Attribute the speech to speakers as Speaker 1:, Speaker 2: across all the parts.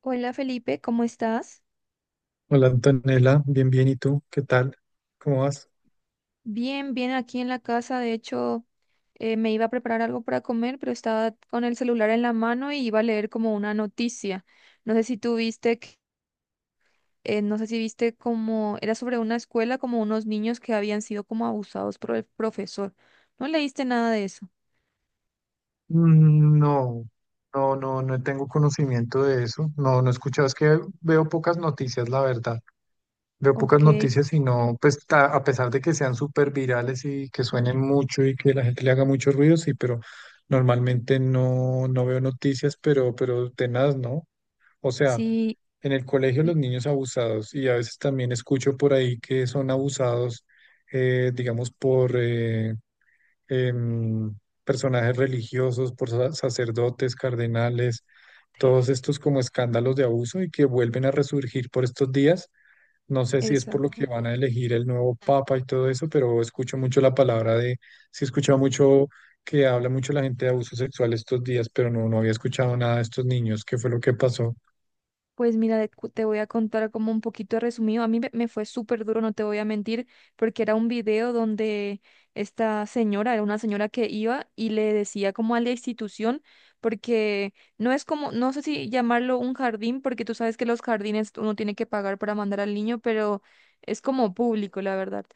Speaker 1: Hola, Felipe, ¿cómo estás?
Speaker 2: Hola Antonella, bien, bien, ¿y tú? ¿Qué tal? ¿Cómo vas?
Speaker 1: Bien, bien, aquí en la casa. De hecho, me iba a preparar algo para comer, pero estaba con el celular en la mano y iba a leer como una noticia. No sé si tú viste, no sé si viste, como era sobre una escuela, como unos niños que habían sido como abusados por el profesor. ¿No leíste nada de eso?
Speaker 2: Mm, no, no tengo conocimiento de eso. No, no he escuchado. Es que veo pocas noticias, la verdad. Veo pocas
Speaker 1: Ok,
Speaker 2: noticias y no, pues a pesar de que sean súper virales y que suenen mucho y que la gente le haga mucho ruido, sí, pero normalmente no, no veo noticias, pero tenaz, ¿no? O sea,
Speaker 1: sí,
Speaker 2: en el colegio
Speaker 1: y-
Speaker 2: los niños abusados y a veces también escucho por ahí que son abusados, digamos, em, personajes religiosos, por sacerdotes, cardenales, todos estos como escándalos de abuso y que vuelven a resurgir por estos días. No sé si es por lo
Speaker 1: exacto.
Speaker 2: que van a elegir el nuevo papa y todo eso, pero escucho mucho la palabra de, sí he escuchado mucho que habla mucho la gente de abuso sexual estos días, pero no, no había escuchado nada de estos niños, qué fue lo que pasó.
Speaker 1: Pues mira, te voy a contar como un poquito resumido. A mí me fue súper duro, no te voy a mentir, porque era un video donde esta señora, era una señora que iba y le decía como a la institución, porque no es como, no sé si llamarlo un jardín, porque tú sabes que los jardines uno tiene que pagar para mandar al niño, pero es como público, la verdad.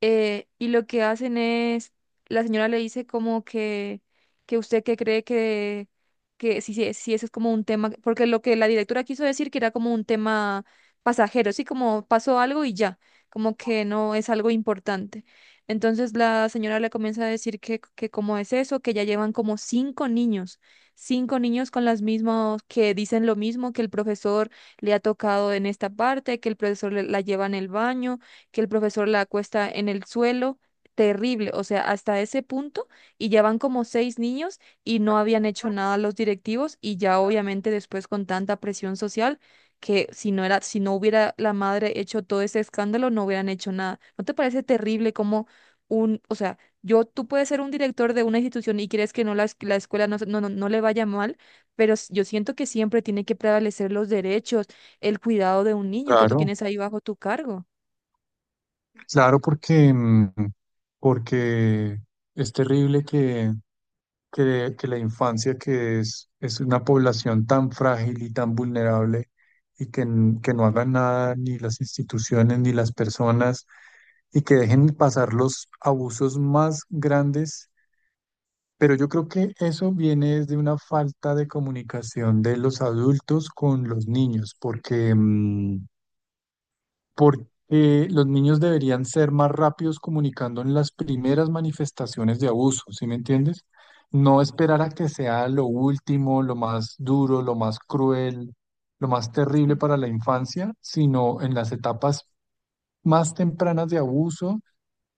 Speaker 1: Y lo que hacen es, la señora le dice como que usted que cree que si eso es como un tema, porque lo que la directora quiso decir que era como un tema pasajero, sí, como pasó algo y ya, como que no es algo importante. Entonces la señora le comienza a decir que cómo es eso, que ya llevan como cinco niños con las mismas, que dicen lo mismo, que el profesor le ha tocado en esta parte, que la lleva en el baño, que el profesor la acuesta en el suelo. Terrible, o sea, hasta ese punto. Y ya van como seis niños y no habían hecho nada los directivos, y ya obviamente después con tanta presión social, que si no era, si no hubiera la madre hecho todo ese escándalo, no hubieran hecho nada. ¿No te parece terrible como un, o sea, yo, tú puedes ser un director de una institución y crees que no la, es- la escuela no le vaya mal, pero yo siento que siempre tiene que prevalecer los derechos, el cuidado de un niño que tú
Speaker 2: Claro,
Speaker 1: tienes ahí bajo tu cargo?
Speaker 2: claro, porque, porque es terrible que, que la infancia, es una población tan frágil y tan vulnerable, y que, que no hagan nada ni las instituciones ni las personas, y que dejen pasar los abusos más grandes. Pero yo creo que eso viene desde una falta de comunicación de los adultos con los niños, porque los niños deberían ser más rápidos comunicando en las primeras manifestaciones de abuso, ¿sí me entiendes? No esperar a que sea lo último, lo más duro, lo más cruel, lo más terrible
Speaker 1: Sí.
Speaker 2: para la infancia, sino en las etapas más tempranas de abuso.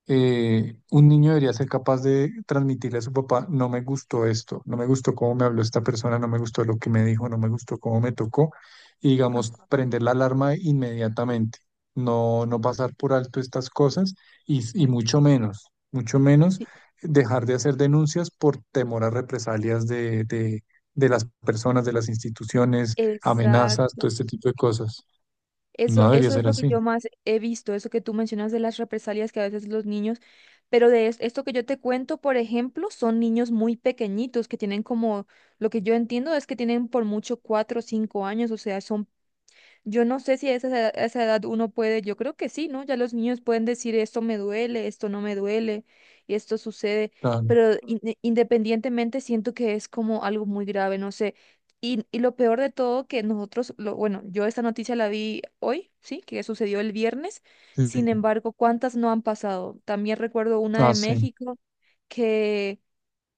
Speaker 2: Un niño debería ser capaz de transmitirle a su papá: no me gustó esto, no me gustó cómo me habló esta persona, no me gustó lo que me dijo, no me gustó cómo me tocó, y digamos,
Speaker 1: Ajá,
Speaker 2: prender la alarma inmediatamente, no, no pasar por alto estas cosas y mucho menos
Speaker 1: sí,
Speaker 2: dejar de hacer denuncias por temor a represalias de las personas, de las instituciones, amenazas, todo
Speaker 1: exacto.
Speaker 2: este tipo de cosas. No
Speaker 1: Eso,
Speaker 2: debería
Speaker 1: eso es
Speaker 2: ser
Speaker 1: lo que
Speaker 2: así.
Speaker 1: yo más he visto, eso que tú mencionas de las represalias que a veces los niños, pero de esto que yo te cuento, por ejemplo, son niños muy pequeñitos que tienen como, lo que yo entiendo es que tienen por mucho 4 o 5 años, o sea, son. Yo no sé si a esa, a esa edad uno puede, yo creo que sí, ¿no? Ya los niños pueden decir esto me duele, esto no me duele, y esto sucede,
Speaker 2: Claro.
Speaker 1: pero independientemente siento que es como algo muy grave, no sé. Y lo peor de todo que nosotros, lo, bueno, yo esta noticia la vi hoy, ¿sí? Que sucedió el viernes,
Speaker 2: Sí,
Speaker 1: sin
Speaker 2: sí.
Speaker 1: embargo, ¿cuántas no han pasado? También recuerdo una de
Speaker 2: Ah, sí.
Speaker 1: México, que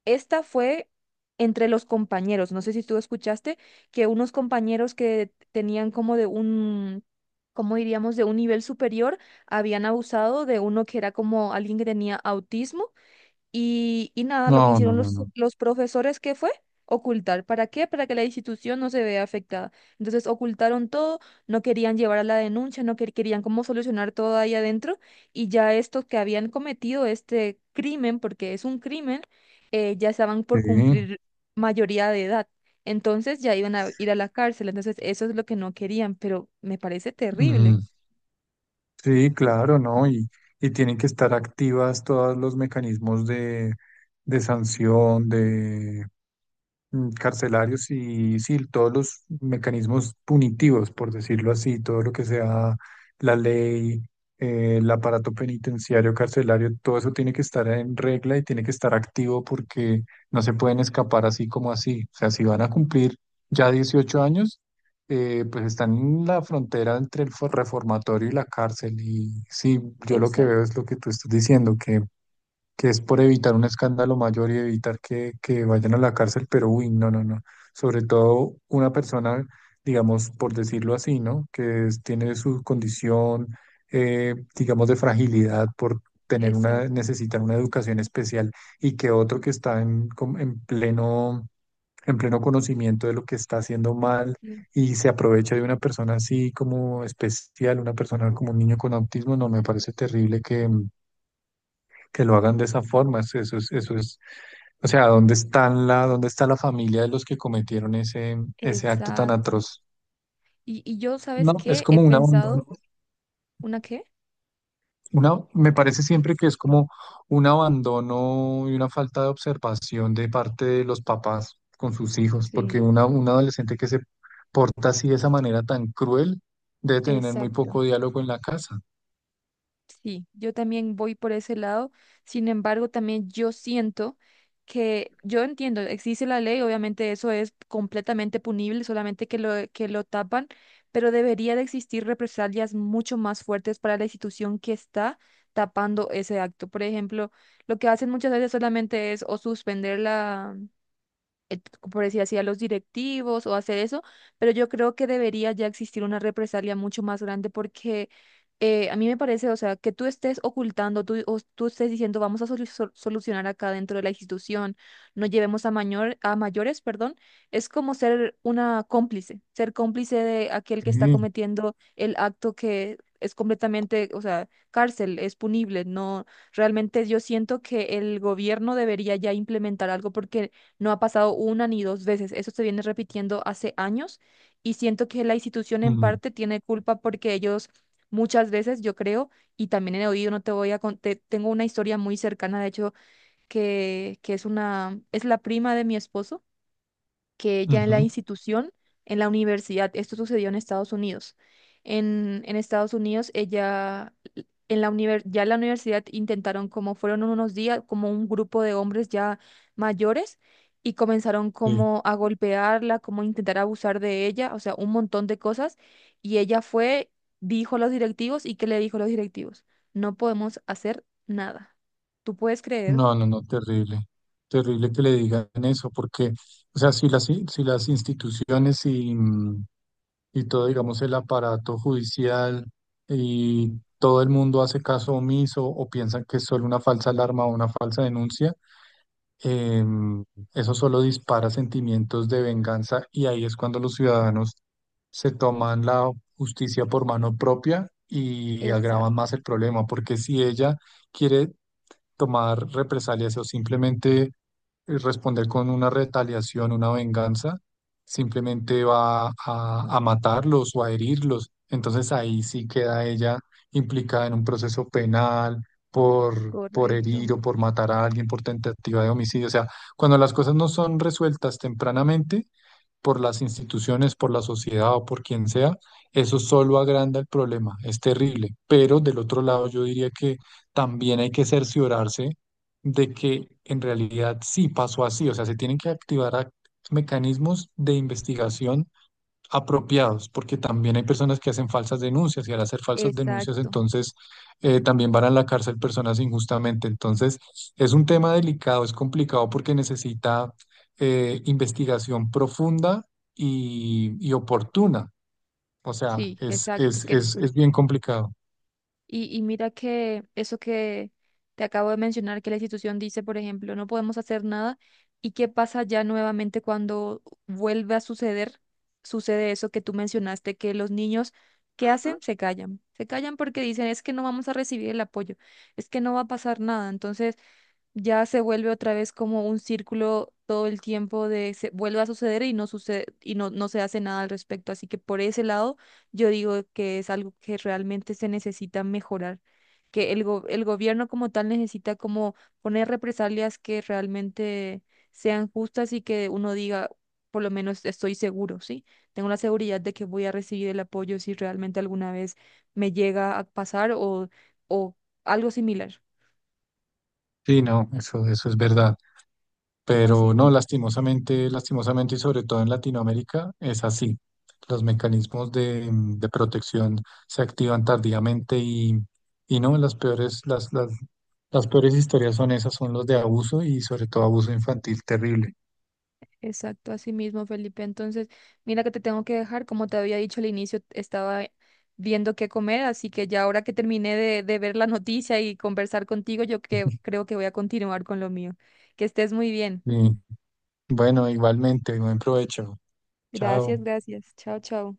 Speaker 1: esta fue entre los compañeros. No sé si tú escuchaste que unos compañeros que tenían como de un, cómo diríamos, de un nivel superior, habían abusado de uno que era como alguien que tenía autismo. Y, y nada, lo que
Speaker 2: No, no,
Speaker 1: hicieron
Speaker 2: no, no.
Speaker 1: los profesores, ¿qué fue? Ocultar. ¿Para qué? Para que la institución no se vea afectada. Entonces ocultaron todo, no querían llevar a la denuncia, no quer- querían cómo solucionar todo ahí adentro. Y ya estos que habían cometido este crimen, porque es un crimen, ya estaban por
Speaker 2: Sí,
Speaker 1: cumplir mayoría de edad. Entonces ya iban a ir a la cárcel. Entonces eso es lo que no querían, pero me parece terrible.
Speaker 2: mm, sí, claro, ¿no? Y tienen que estar activas todos los mecanismos de sanción, carcelarios y sí, todos los mecanismos punitivos, por decirlo así, todo lo que sea la ley, el aparato penitenciario, carcelario, todo eso tiene que estar en regla y tiene que estar activo porque no se pueden escapar así como así. O sea, si van a cumplir ya 18 años, pues están en la frontera entre el reformatorio y la cárcel. Y sí, yo lo que veo
Speaker 1: Exacto,
Speaker 2: es lo que tú estás diciendo, que es por evitar un escándalo mayor y evitar que vayan a la cárcel, pero uy, no, no, no. Sobre todo una persona, digamos, por decirlo así, ¿no? Que tiene su condición, digamos, de fragilidad por tener una,
Speaker 1: exacto,
Speaker 2: necesitar una educación especial, y que otro que está en, en pleno conocimiento de lo que está haciendo mal.
Speaker 1: sí,
Speaker 2: Y se aprovecha de una persona así como especial, una persona como un niño con autismo, no me parece terrible que lo hagan de esa forma. Eso es, o sea, ¿dónde dónde está la familia de los que cometieron ese, ese acto tan
Speaker 1: exacto.
Speaker 2: atroz?
Speaker 1: Y yo, ¿sabes
Speaker 2: No, es
Speaker 1: qué? He
Speaker 2: como un
Speaker 1: pensado,
Speaker 2: abandono,
Speaker 1: ¿una qué?
Speaker 2: una, me parece siempre que es como un abandono y una falta de observación de parte de los papás con sus hijos,
Speaker 1: Sí.
Speaker 2: porque una, un adolescente que se porta así de esa manera tan cruel debe tener muy
Speaker 1: Exacto.
Speaker 2: poco diálogo en la casa.
Speaker 1: Sí, yo también voy por ese lado. Sin embargo, también yo siento que yo entiendo, existe la ley, obviamente eso es completamente punible, solamente que lo tapan, pero debería de existir represalias mucho más fuertes para la institución que está tapando ese acto. Por ejemplo, lo que hacen muchas veces solamente es o suspender la eh, por decir así, a los directivos o hacer eso, pero yo creo que debería ya existir una represalia mucho más grande, porque a mí me parece, o sea, que tú estés ocultando, tú, o tú estés diciendo, vamos a solucionar acá dentro de la institución, no llevemos a, mayor, a mayores, perdón, es como ser una cómplice, ser cómplice de aquel que está
Speaker 2: Sí.
Speaker 1: cometiendo el acto que... Es completamente, o sea, cárcel, es punible. No, realmente yo siento que el gobierno debería ya implementar algo, porque no ha pasado una ni dos veces. Eso se viene repitiendo hace años y siento que la institución en
Speaker 2: Mm,
Speaker 1: parte tiene culpa, porque ellos muchas veces, yo creo, y también he oído, no te voy a contar, tengo una historia muy cercana, de hecho, que es una, es la prima de mi esposo que ya en la
Speaker 2: ujú,
Speaker 1: institución, en la universidad, esto sucedió en Estados Unidos. En Estados Unidos, ella, en la ya en la universidad intentaron, como fueron unos días, como un grupo de hombres ya mayores y comenzaron
Speaker 2: sí.
Speaker 1: como a golpearla, como a intentar abusar de ella, o sea, un montón de cosas. Y ella fue, dijo a los directivos, y ¿qué le dijo a los directivos? No podemos hacer nada. ¿Tú puedes creer?
Speaker 2: No, no, no, terrible, terrible que le digan eso, porque, o sea, si las instituciones y, y todo, digamos, el aparato judicial y todo el mundo hace caso omiso o piensan que es solo una falsa alarma o una falsa denuncia, em, eso solo dispara sentimientos de venganza y ahí es cuando los ciudadanos se toman la justicia por mano propia y agravan
Speaker 1: Exacto,
Speaker 2: más el problema, porque si ella quiere tomar represalias o simplemente responder con una retaliación, una venganza, simplemente va a matarlos o a herirlos. Entonces ahí sí queda ella implicada en un proceso penal por
Speaker 1: correcto.
Speaker 2: herir o por matar a alguien, por tentativa de homicidio. O sea, cuando las cosas no son resueltas tempranamente, por las instituciones, por la sociedad o por quien sea, eso solo agranda el problema, es terrible. Pero del otro lado, yo diría que también hay que cerciorarse de que en realidad sí pasó así, o sea, se tienen que activar mecanismos de investigación apropiados, porque también hay personas que hacen falsas denuncias y al hacer falsas denuncias
Speaker 1: Exacto.
Speaker 2: entonces también van a la cárcel personas injustamente. Entonces es un tema delicado, es complicado porque necesita investigación profunda y oportuna. O sea,
Speaker 1: Sí, exacto. Que no.
Speaker 2: es bien complicado.
Speaker 1: Y mira que eso que te acabo de mencionar, que la institución dice, por ejemplo, no podemos hacer nada. ¿Y qué pasa ya nuevamente cuando vuelve a suceder? Sucede eso que tú mencionaste, que los niños, ¿qué hacen? Se callan. Se callan porque dicen, es que no vamos a recibir el apoyo, es que no va a pasar nada. Entonces, ya se vuelve otra vez como un círculo todo el tiempo de se vuelve a suceder y no sucede y no, no se hace nada al respecto. Así que por ese lado, yo digo que es algo que realmente se necesita mejorar, que el gobierno como tal necesita como poner represalias que realmente sean justas y que uno diga, por lo menos estoy seguro, ¿sí? Tengo la seguridad de que voy a recibir el apoyo si realmente alguna vez me llega a pasar o algo similar.
Speaker 2: Sí, no, eso es verdad.
Speaker 1: Así
Speaker 2: Pero no,
Speaker 1: mismo.
Speaker 2: lastimosamente, lastimosamente y sobre todo en Latinoamérica es así. Los mecanismos de, de protección se activan tardíamente y no, las peores, las peores historias son esas, son los de abuso y sobre todo abuso infantil terrible.
Speaker 1: Exacto, así mismo, Felipe. Entonces, mira que te tengo que dejar. Como te había dicho al inicio, estaba viendo qué comer, así que ya ahora que terminé de ver la noticia y conversar contigo, yo que, creo que voy a continuar con lo mío. Que estés muy bien.
Speaker 2: Y, bueno, igualmente, buen provecho. Chao.
Speaker 1: Gracias, gracias. Chao, chao.